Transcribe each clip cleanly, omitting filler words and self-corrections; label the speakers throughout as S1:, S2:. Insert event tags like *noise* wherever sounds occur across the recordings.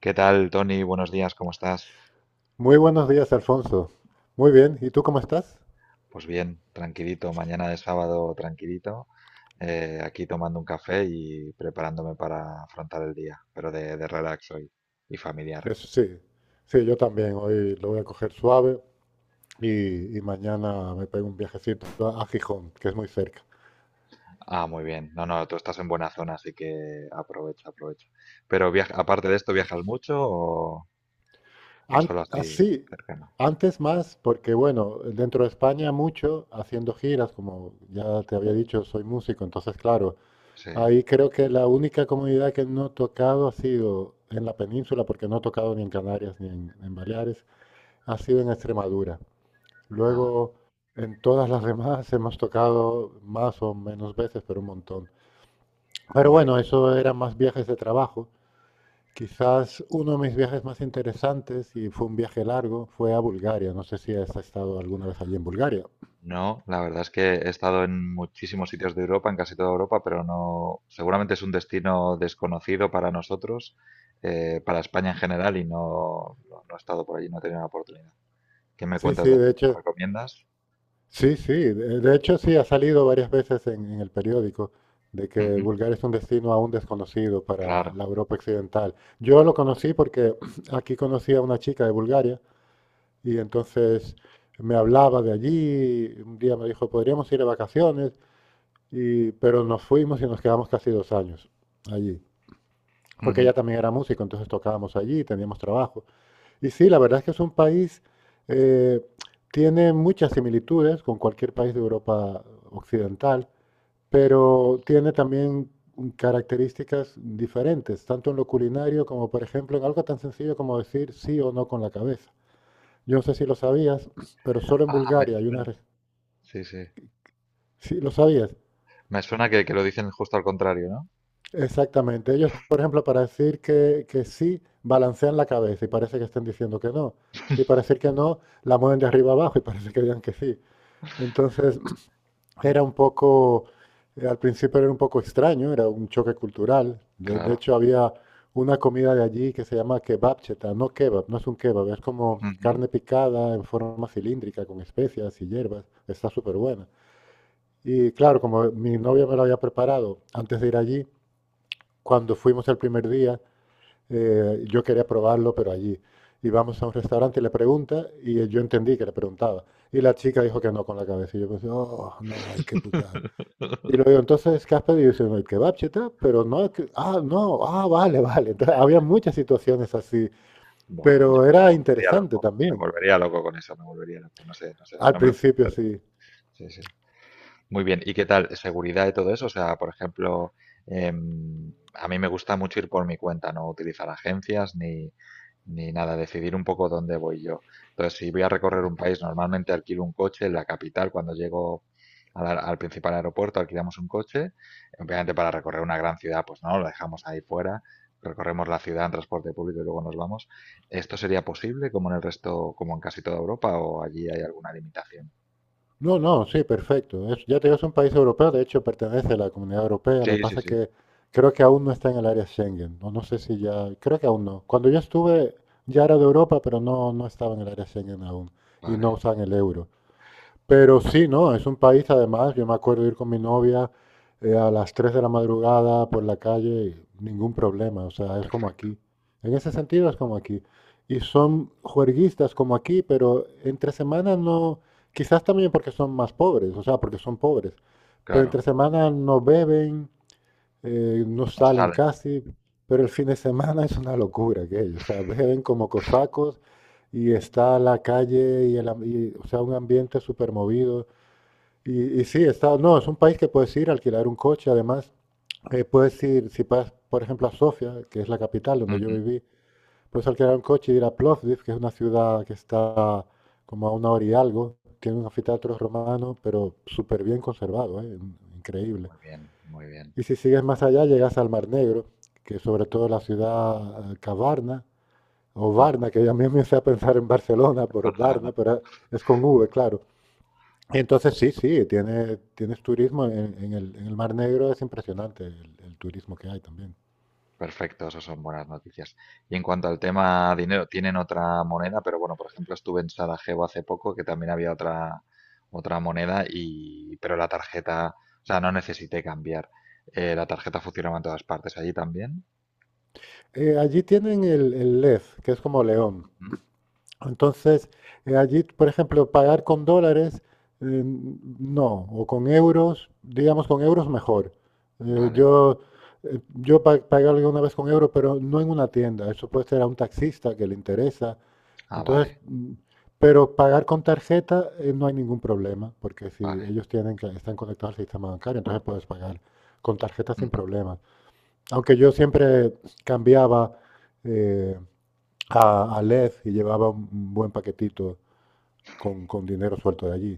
S1: ¿Qué tal, Tony? Buenos días, ¿cómo estás?
S2: Muy buenos días, Alfonso. Muy bien, ¿y tú cómo estás?
S1: Pues bien, tranquilito, mañana de sábado tranquilito, aquí tomando un café y preparándome para afrontar el día, pero de relax hoy y familiar.
S2: Eso sí, sí, yo también. Hoy lo voy a coger suave y mañana me pego un viajecito a Gijón, que es muy cerca.
S1: Ah, muy bien. No, no, tú estás en buena zona, así que aprovecha, aprovecha. Pero viaja, aparte de esto, ¿viajas mucho o solo así
S2: Así,
S1: cercano?
S2: antes más, porque bueno, dentro de España mucho, haciendo giras, como ya te había dicho, soy músico, entonces claro,
S1: Sí.
S2: ahí creo que la única comunidad que no he tocado ha sido en la península, porque no he tocado ni en Canarias ni en Baleares, ha sido en Extremadura.
S1: Ah,
S2: Luego, en todas las demás *laughs* hemos tocado más o menos veces, pero un montón. Pero
S1: muy bien.
S2: bueno, eso eran más viajes de trabajo. Quizás uno de mis viajes más interesantes, y fue un viaje largo, fue a Bulgaria. No sé si has estado alguna vez allí en Bulgaria.
S1: No, la verdad es que he estado en muchísimos sitios de Europa, en casi toda Europa, pero no, seguramente es un destino desconocido para nosotros, para España en general, y no, no, no he estado por allí, no he tenido la oportunidad. ¿Qué me
S2: Sí,
S1: cuentas
S2: sí,
S1: de allí?
S2: de
S1: ¿Me lo
S2: hecho,
S1: recomiendas?
S2: sí, sí. De hecho, sí, ha salido varias veces en el periódico de que
S1: Ujú.
S2: Bulgaria es un destino aún desconocido para
S1: Claro.
S2: la Europa occidental. Yo lo conocí porque *clears throat* aquí conocí a una chica de Bulgaria. Y entonces me hablaba de allí, y un día me dijo, podríamos ir de vacaciones, pero nos fuimos y nos quedamos casi 2 años allí, porque
S1: Ujú.
S2: ella también era músico, entonces tocábamos allí, teníamos trabajo. Y sí, la verdad es que es un país, eh, tiene muchas similitudes con cualquier país de Europa occidental, pero tiene también características diferentes, tanto en lo culinario como, por ejemplo, en algo tan sencillo como decir sí o no con la cabeza. Yo no sé si lo sabías, pero solo en
S1: Ah, me
S2: Bulgaria hay una...
S1: suena.
S2: re-
S1: Sí, sí.
S2: Sí, lo sabías.
S1: Me suena que lo dicen justo al contrario, ¿no?
S2: Exactamente. Ellos, por ejemplo, para decir que sí, balancean la cabeza y parece que estén diciendo que no. Y para decir que no, la mueven de arriba abajo y *laughs* parece que digan que sí. Entonces, *clears throat*
S1: Mm.
S2: era un poco, al principio era un poco extraño, era un choque cultural. De
S1: Claro.
S2: hecho, había una comida de allí que se llama kebabcheta, no kebab, no es un kebab, es como
S1: Ujú.
S2: carne picada en forma cilíndrica con especias y hierbas. Está súper buena. Y claro, como mi novia me lo había preparado antes de ir allí, cuando fuimos el primer día, yo quería probarlo, pero allí. Y vamos a un restaurante y le pregunta, y yo entendí que le preguntaba. Y la chica dijo que no con la cabeza. Y yo pensé, oh, no, ay, qué putada. Y luego digo,
S1: *laughs*
S2: entonces, ¿qué has pedido? Y dice, "No, el kebab, cheta, pero no, ah, no, ah, vale, *laughs* vale." Entonces, había muchas situaciones así,
S1: Buah, yo
S2: pero
S1: me me
S2: era
S1: volvería
S2: interesante
S1: loco. Me
S2: también.
S1: volvería loco con eso, me volvería loco. No sé, no sé.
S2: Al
S1: No me
S2: principio
S1: acostumbraré.
S2: sí.
S1: Sí, sí. Muy bien, ¿y qué tal? ¿Seguridad y todo eso? O sea, por ejemplo, a mí me gusta mucho ir por mi cuenta, no utilizar agencias ni, ni nada, decidir un poco dónde voy yo. Entonces, si voy a recorrer un país, normalmente alquilo un coche en la capital cuando llego al, al principal aeropuerto, alquilamos un coche. Obviamente para recorrer una gran ciudad, pues no, lo dejamos ahí fuera, recorremos la ciudad en transporte público y luego nos vamos. ¿Esto sería posible como en el resto, como en casi toda Europa o allí hay alguna limitación?
S2: No, no, sí, perfecto. Ya te digo, es un país europeo, de hecho pertenece a la Comunidad Europea. Lo que
S1: Sí, sí,
S2: pasa es
S1: sí.
S2: que creo que aún no está en el área Schengen. No, no sé si ya, creo que aún no. Cuando yo estuve ya era de Europa, pero no, no estaba en el área Schengen aún y no
S1: Vale,
S2: usaban el euro. Pero
S1: vale.
S2: sí, ¿no? Es un país, además, yo me acuerdo ir con mi novia a las 3 de la madrugada por la calle y ningún problema, o sea, es como
S1: Perfecto,
S2: aquí. En ese sentido es como aquí. Y son juerguistas como aquí, pero entre semanas no, quizás también porque son más pobres, o sea, porque son pobres, pero entre
S1: claro.
S2: semanas no beben, no
S1: No sé.
S2: salen
S1: Salen.
S2: casi, pero el fin de semana es una locura aquello. O sea, beben como cosacos y está la calle y, o sea, un ambiente súper movido. Y sí, no, es un país que puedes ir a alquilar un coche, además. Puedes ir, si vas, por ejemplo, a Sofía, que es la capital donde
S1: Ujú.
S2: yo viví, puedes alquilar un coche y ir a Plovdiv, que es una ciudad que está como a una hora y algo. Tiene un anfiteatro romano, pero súper bien conservado, ¿eh? Increíble.
S1: Muy bien, muy bien.
S2: Y si sigues más allá, llegas al Mar Negro, que sobre todo la ciudad Cavarna, o
S1: Ajá.
S2: Varna, que ya me empecé a pensar en Barcelona por Varna,
S1: Barcelona.
S2: pero es con V, claro. Entonces sí, sí, tienes turismo en el Mar Negro, es impresionante el turismo que hay también.
S1: Perfecto, eso son buenas noticias. Y en cuanto al tema dinero, tienen otra moneda, pero bueno, por ejemplo, estuve en Sarajevo hace poco, que también había otra, otra moneda, y, pero la tarjeta, o sea, no necesité cambiar. La tarjeta funcionaba en todas partes. ¿Allí también?
S2: Allí tienen el Lez, que es como León.
S1: Ujú.
S2: Entonces, allí, por ejemplo, pagar con dólares, eh, no, o con euros, digamos con euros mejor. Eh,
S1: Vale.
S2: yo yo pagué alguna vez con euros, pero no en una tienda. Eso puede ser a un taxista que le interesa.
S1: Ah,
S2: Entonces,
S1: vale,
S2: pero pagar con tarjeta no hay ningún problema, porque si
S1: vale.
S2: ellos tienen que están conectados al sistema bancario, entonces puedes pagar con tarjeta sin problemas. Aunque yo siempre cambiaba. eh, a Lez y llevaba un buen paquetito con dinero suelto de allí.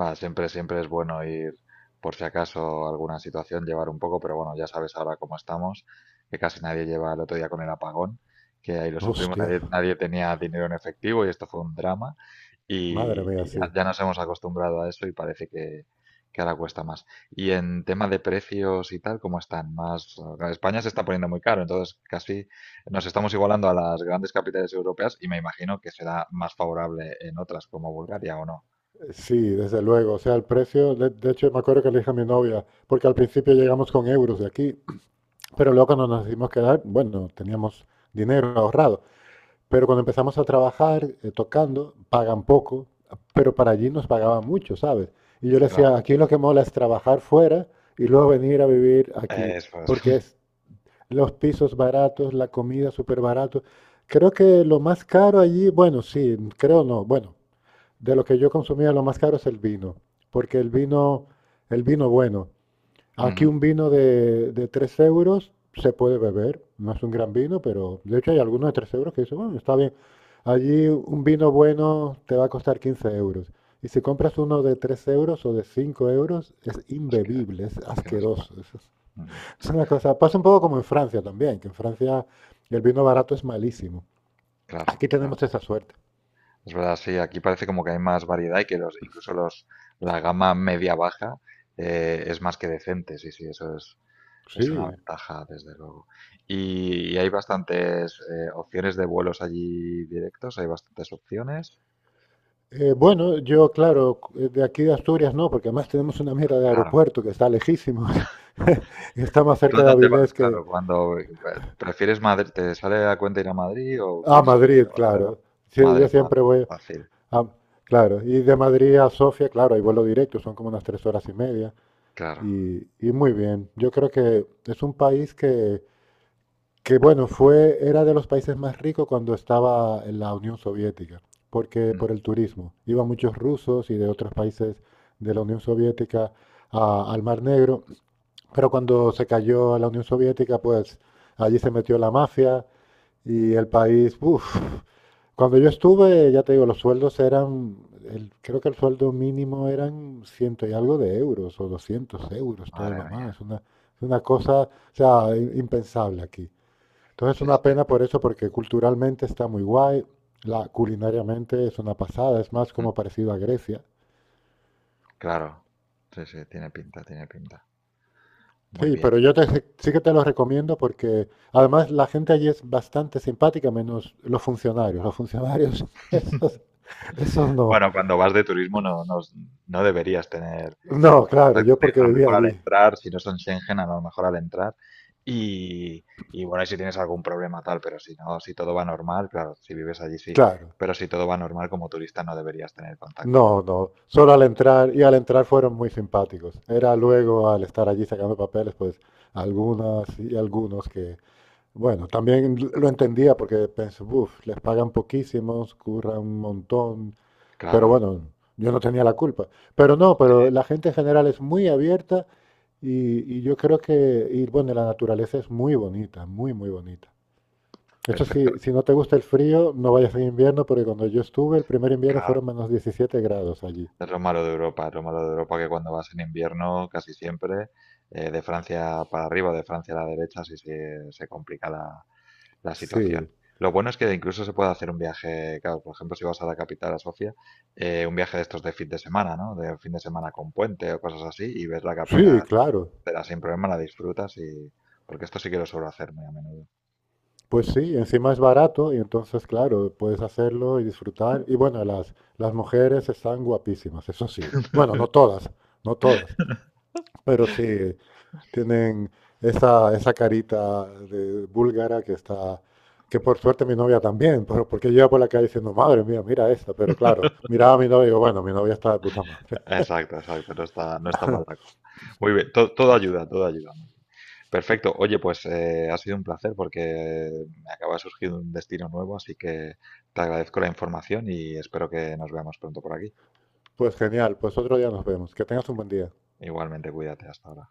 S1: Va, siempre, siempre es bueno ir, por si acaso alguna situación, llevar un poco, pero bueno, ya sabes ahora cómo estamos, que casi nadie lleva el otro día con el apagón, que ahí lo sufrimos,
S2: Hostia,
S1: nadie, nadie tenía dinero en efectivo y esto fue un drama
S2: madre
S1: y,
S2: mía,
S1: y ya,
S2: sí.
S1: ya nos hemos acostumbrado a eso y parece que ahora cuesta más. Y en tema de precios y tal, ¿cómo están? Más, España se está poniendo muy caro, entonces casi nos estamos igualando a las grandes capitales europeas y me imagino que será más favorable en otras como Bulgaria o no.
S2: Sí, desde luego. O sea, el precio, de hecho, me acuerdo que le dije a mi novia, porque al principio llegamos con euros de aquí, pero luego cuando nos decidimos quedar, bueno, teníamos dinero ahorrado. Pero cuando empezamos a trabajar tocando, pagan poco, pero para allí nos pagaban mucho, ¿sabes? Y yo le decía, aquí lo que mola es trabajar fuera y luego venir a vivir aquí,
S1: Eso es.
S2: porque
S1: *laughs*
S2: es los pisos baratos, la comida súper barato. Creo que lo más caro allí, bueno, sí, creo no. Bueno, de lo que yo consumía, lo más caro es el vino, porque el vino bueno. Aquí
S1: Ujú.
S2: un vino de 3 euros se puede beber, no es un gran vino, pero de hecho hay algunos de 3 euros que dicen, bueno, está bien. Allí un vino bueno te va a costar 15 euros. Y si compras uno de 3 euros o de 5 euros, es
S1: Es que
S2: imbebible, es
S1: es que no se
S2: asqueroso.
S1: paga.
S2: *laughs*
S1: Ujú.
S2: Es una cosa, pasa un poco como en Francia también, que en Francia el vino barato es malísimo.
S1: Claro,
S2: Aquí tenemos
S1: claro.
S2: esa suerte.
S1: Es verdad, sí, aquí parece como que hay más variedad y que los incluso los la gama media baja, es más que decente. Sí, sí, eso es una
S2: Sí.
S1: ventaja, desde luego. Y hay bastantes, opciones de vuelos allí directos, hay bastantes opciones.
S2: Bueno, yo, claro, de aquí de Asturias no, porque además tenemos una mierda de
S1: Claro.
S2: aeropuerto que está lejísimo. *laughs* Está más
S1: ¿Tú a
S2: cerca de
S1: dónde vas?
S2: Avilés que
S1: Claro, cuando, ¿prefieres Madrid? ¿Te sale a cuenta ir a Madrid o
S2: a
S1: vienes a vez
S2: Madrid,
S1: de Barcelona?
S2: claro. Sí,
S1: Madre
S2: yo
S1: más
S2: siempre voy
S1: fácil,
S2: a, claro, y de Madrid a Sofía, claro, hay vuelo directo, son como unas 3 horas y media.
S1: claro.
S2: Y muy bien, yo creo que es un país que, que bueno, era de los países más ricos cuando estaba en la Unión Soviética, porque
S1: Mm,
S2: por el turismo. Iban muchos rusos y de otros países de la Unión Soviética al Mar Negro, pero cuando se cayó la Unión Soviética, pues allí se metió la mafia y el país, uff, cuando yo estuve, ya te digo, los sueldos eran, creo que el sueldo mínimo eran ciento y algo de euros o 200 euros, todo
S1: madre
S2: lo
S1: mía.
S2: más, una cosa, o sea, impensable aquí. Entonces es
S1: Sí,
S2: una
S1: sí,
S2: pena por eso, porque culturalmente está muy guay, culinariamente es una pasada, es más
S1: mm,
S2: como parecido a Grecia.
S1: claro. Sí, sí, tiene pinta, tiene pinta. Muy
S2: Sí,
S1: bien.
S2: pero yo sí que te lo recomiendo porque además la gente allí es bastante simpática, menos los funcionarios. Los funcionarios, *laughs* esos, esos no.
S1: Bueno, cuando vas de turismo no, no, no deberías tener,
S2: No, claro,
S1: contacto,
S2: yo porque
S1: a lo
S2: vivía
S1: mejor al
S2: allí.
S1: entrar, si no son Schengen, a lo mejor al entrar. Y, y bueno, y si tienes algún problema tal, pero si no, si todo va normal, claro, si vives allí sí,
S2: Claro.
S1: pero si todo va normal como turista no deberías tener contacto con-
S2: No, no. Solo al entrar, y al entrar fueron muy simpáticos. Era luego al estar allí sacando papeles, pues algunas y algunos bueno, también lo entendía porque pensé, uff, les pagan poquísimos, curran un montón, pero
S1: Claro,
S2: bueno, yo no tenía la culpa. Pero no, pero la gente en general es muy abierta y yo creo que, y bueno, la naturaleza es muy bonita, muy, muy bonita. Esto
S1: perfecto,
S2: sí, si no te gusta el frío, no vayas en invierno porque cuando yo estuve, el primer invierno
S1: claro.
S2: fueron menos 17 grados allí.
S1: Es lo malo de Europa, es lo malo de Europa que cuando vas en invierno, casi siempre, de Francia para arriba, de Francia a la derecha, sí se complica la, la situación.
S2: Sí,
S1: Lo bueno es que incluso se puede hacer un viaje, claro, por ejemplo, si vas a la capital, a Sofía, un viaje de estos de fin de semana, ¿no? De fin de semana con puente o cosas así, y ves la
S2: sí,
S1: capital
S2: claro.
S1: entera sin problema, la disfrutas y... Porque esto sí que lo suelo hacer muy a menudo.
S2: Pues sí, encima es barato y entonces, claro, puedes hacerlo y disfrutar. Y bueno, las mujeres están guapísimas, eso sí. Bueno, no todas, no todas,
S1: *laughs*
S2: pero sí tienen esa carita de búlgara que por suerte mi novia también, pero porque yo iba por la calle diciendo, madre mía, mira esta, pero claro, miraba a mi novia y digo, bueno, mi novia está de puta madre. *laughs*
S1: Exacto, exacto, no está, no está mal la cosa. Muy bien, todo ayuda, todo ayuda. Perfecto. Oye, pues ha sido un placer porque me acaba de surgir un destino nuevo, así que te agradezco la información y espero que nos veamos pronto por aquí.
S2: Pues genial, pues otro día nos vemos. Que tengas un buen día.
S1: Igualmente, cuídate. Hasta ahora.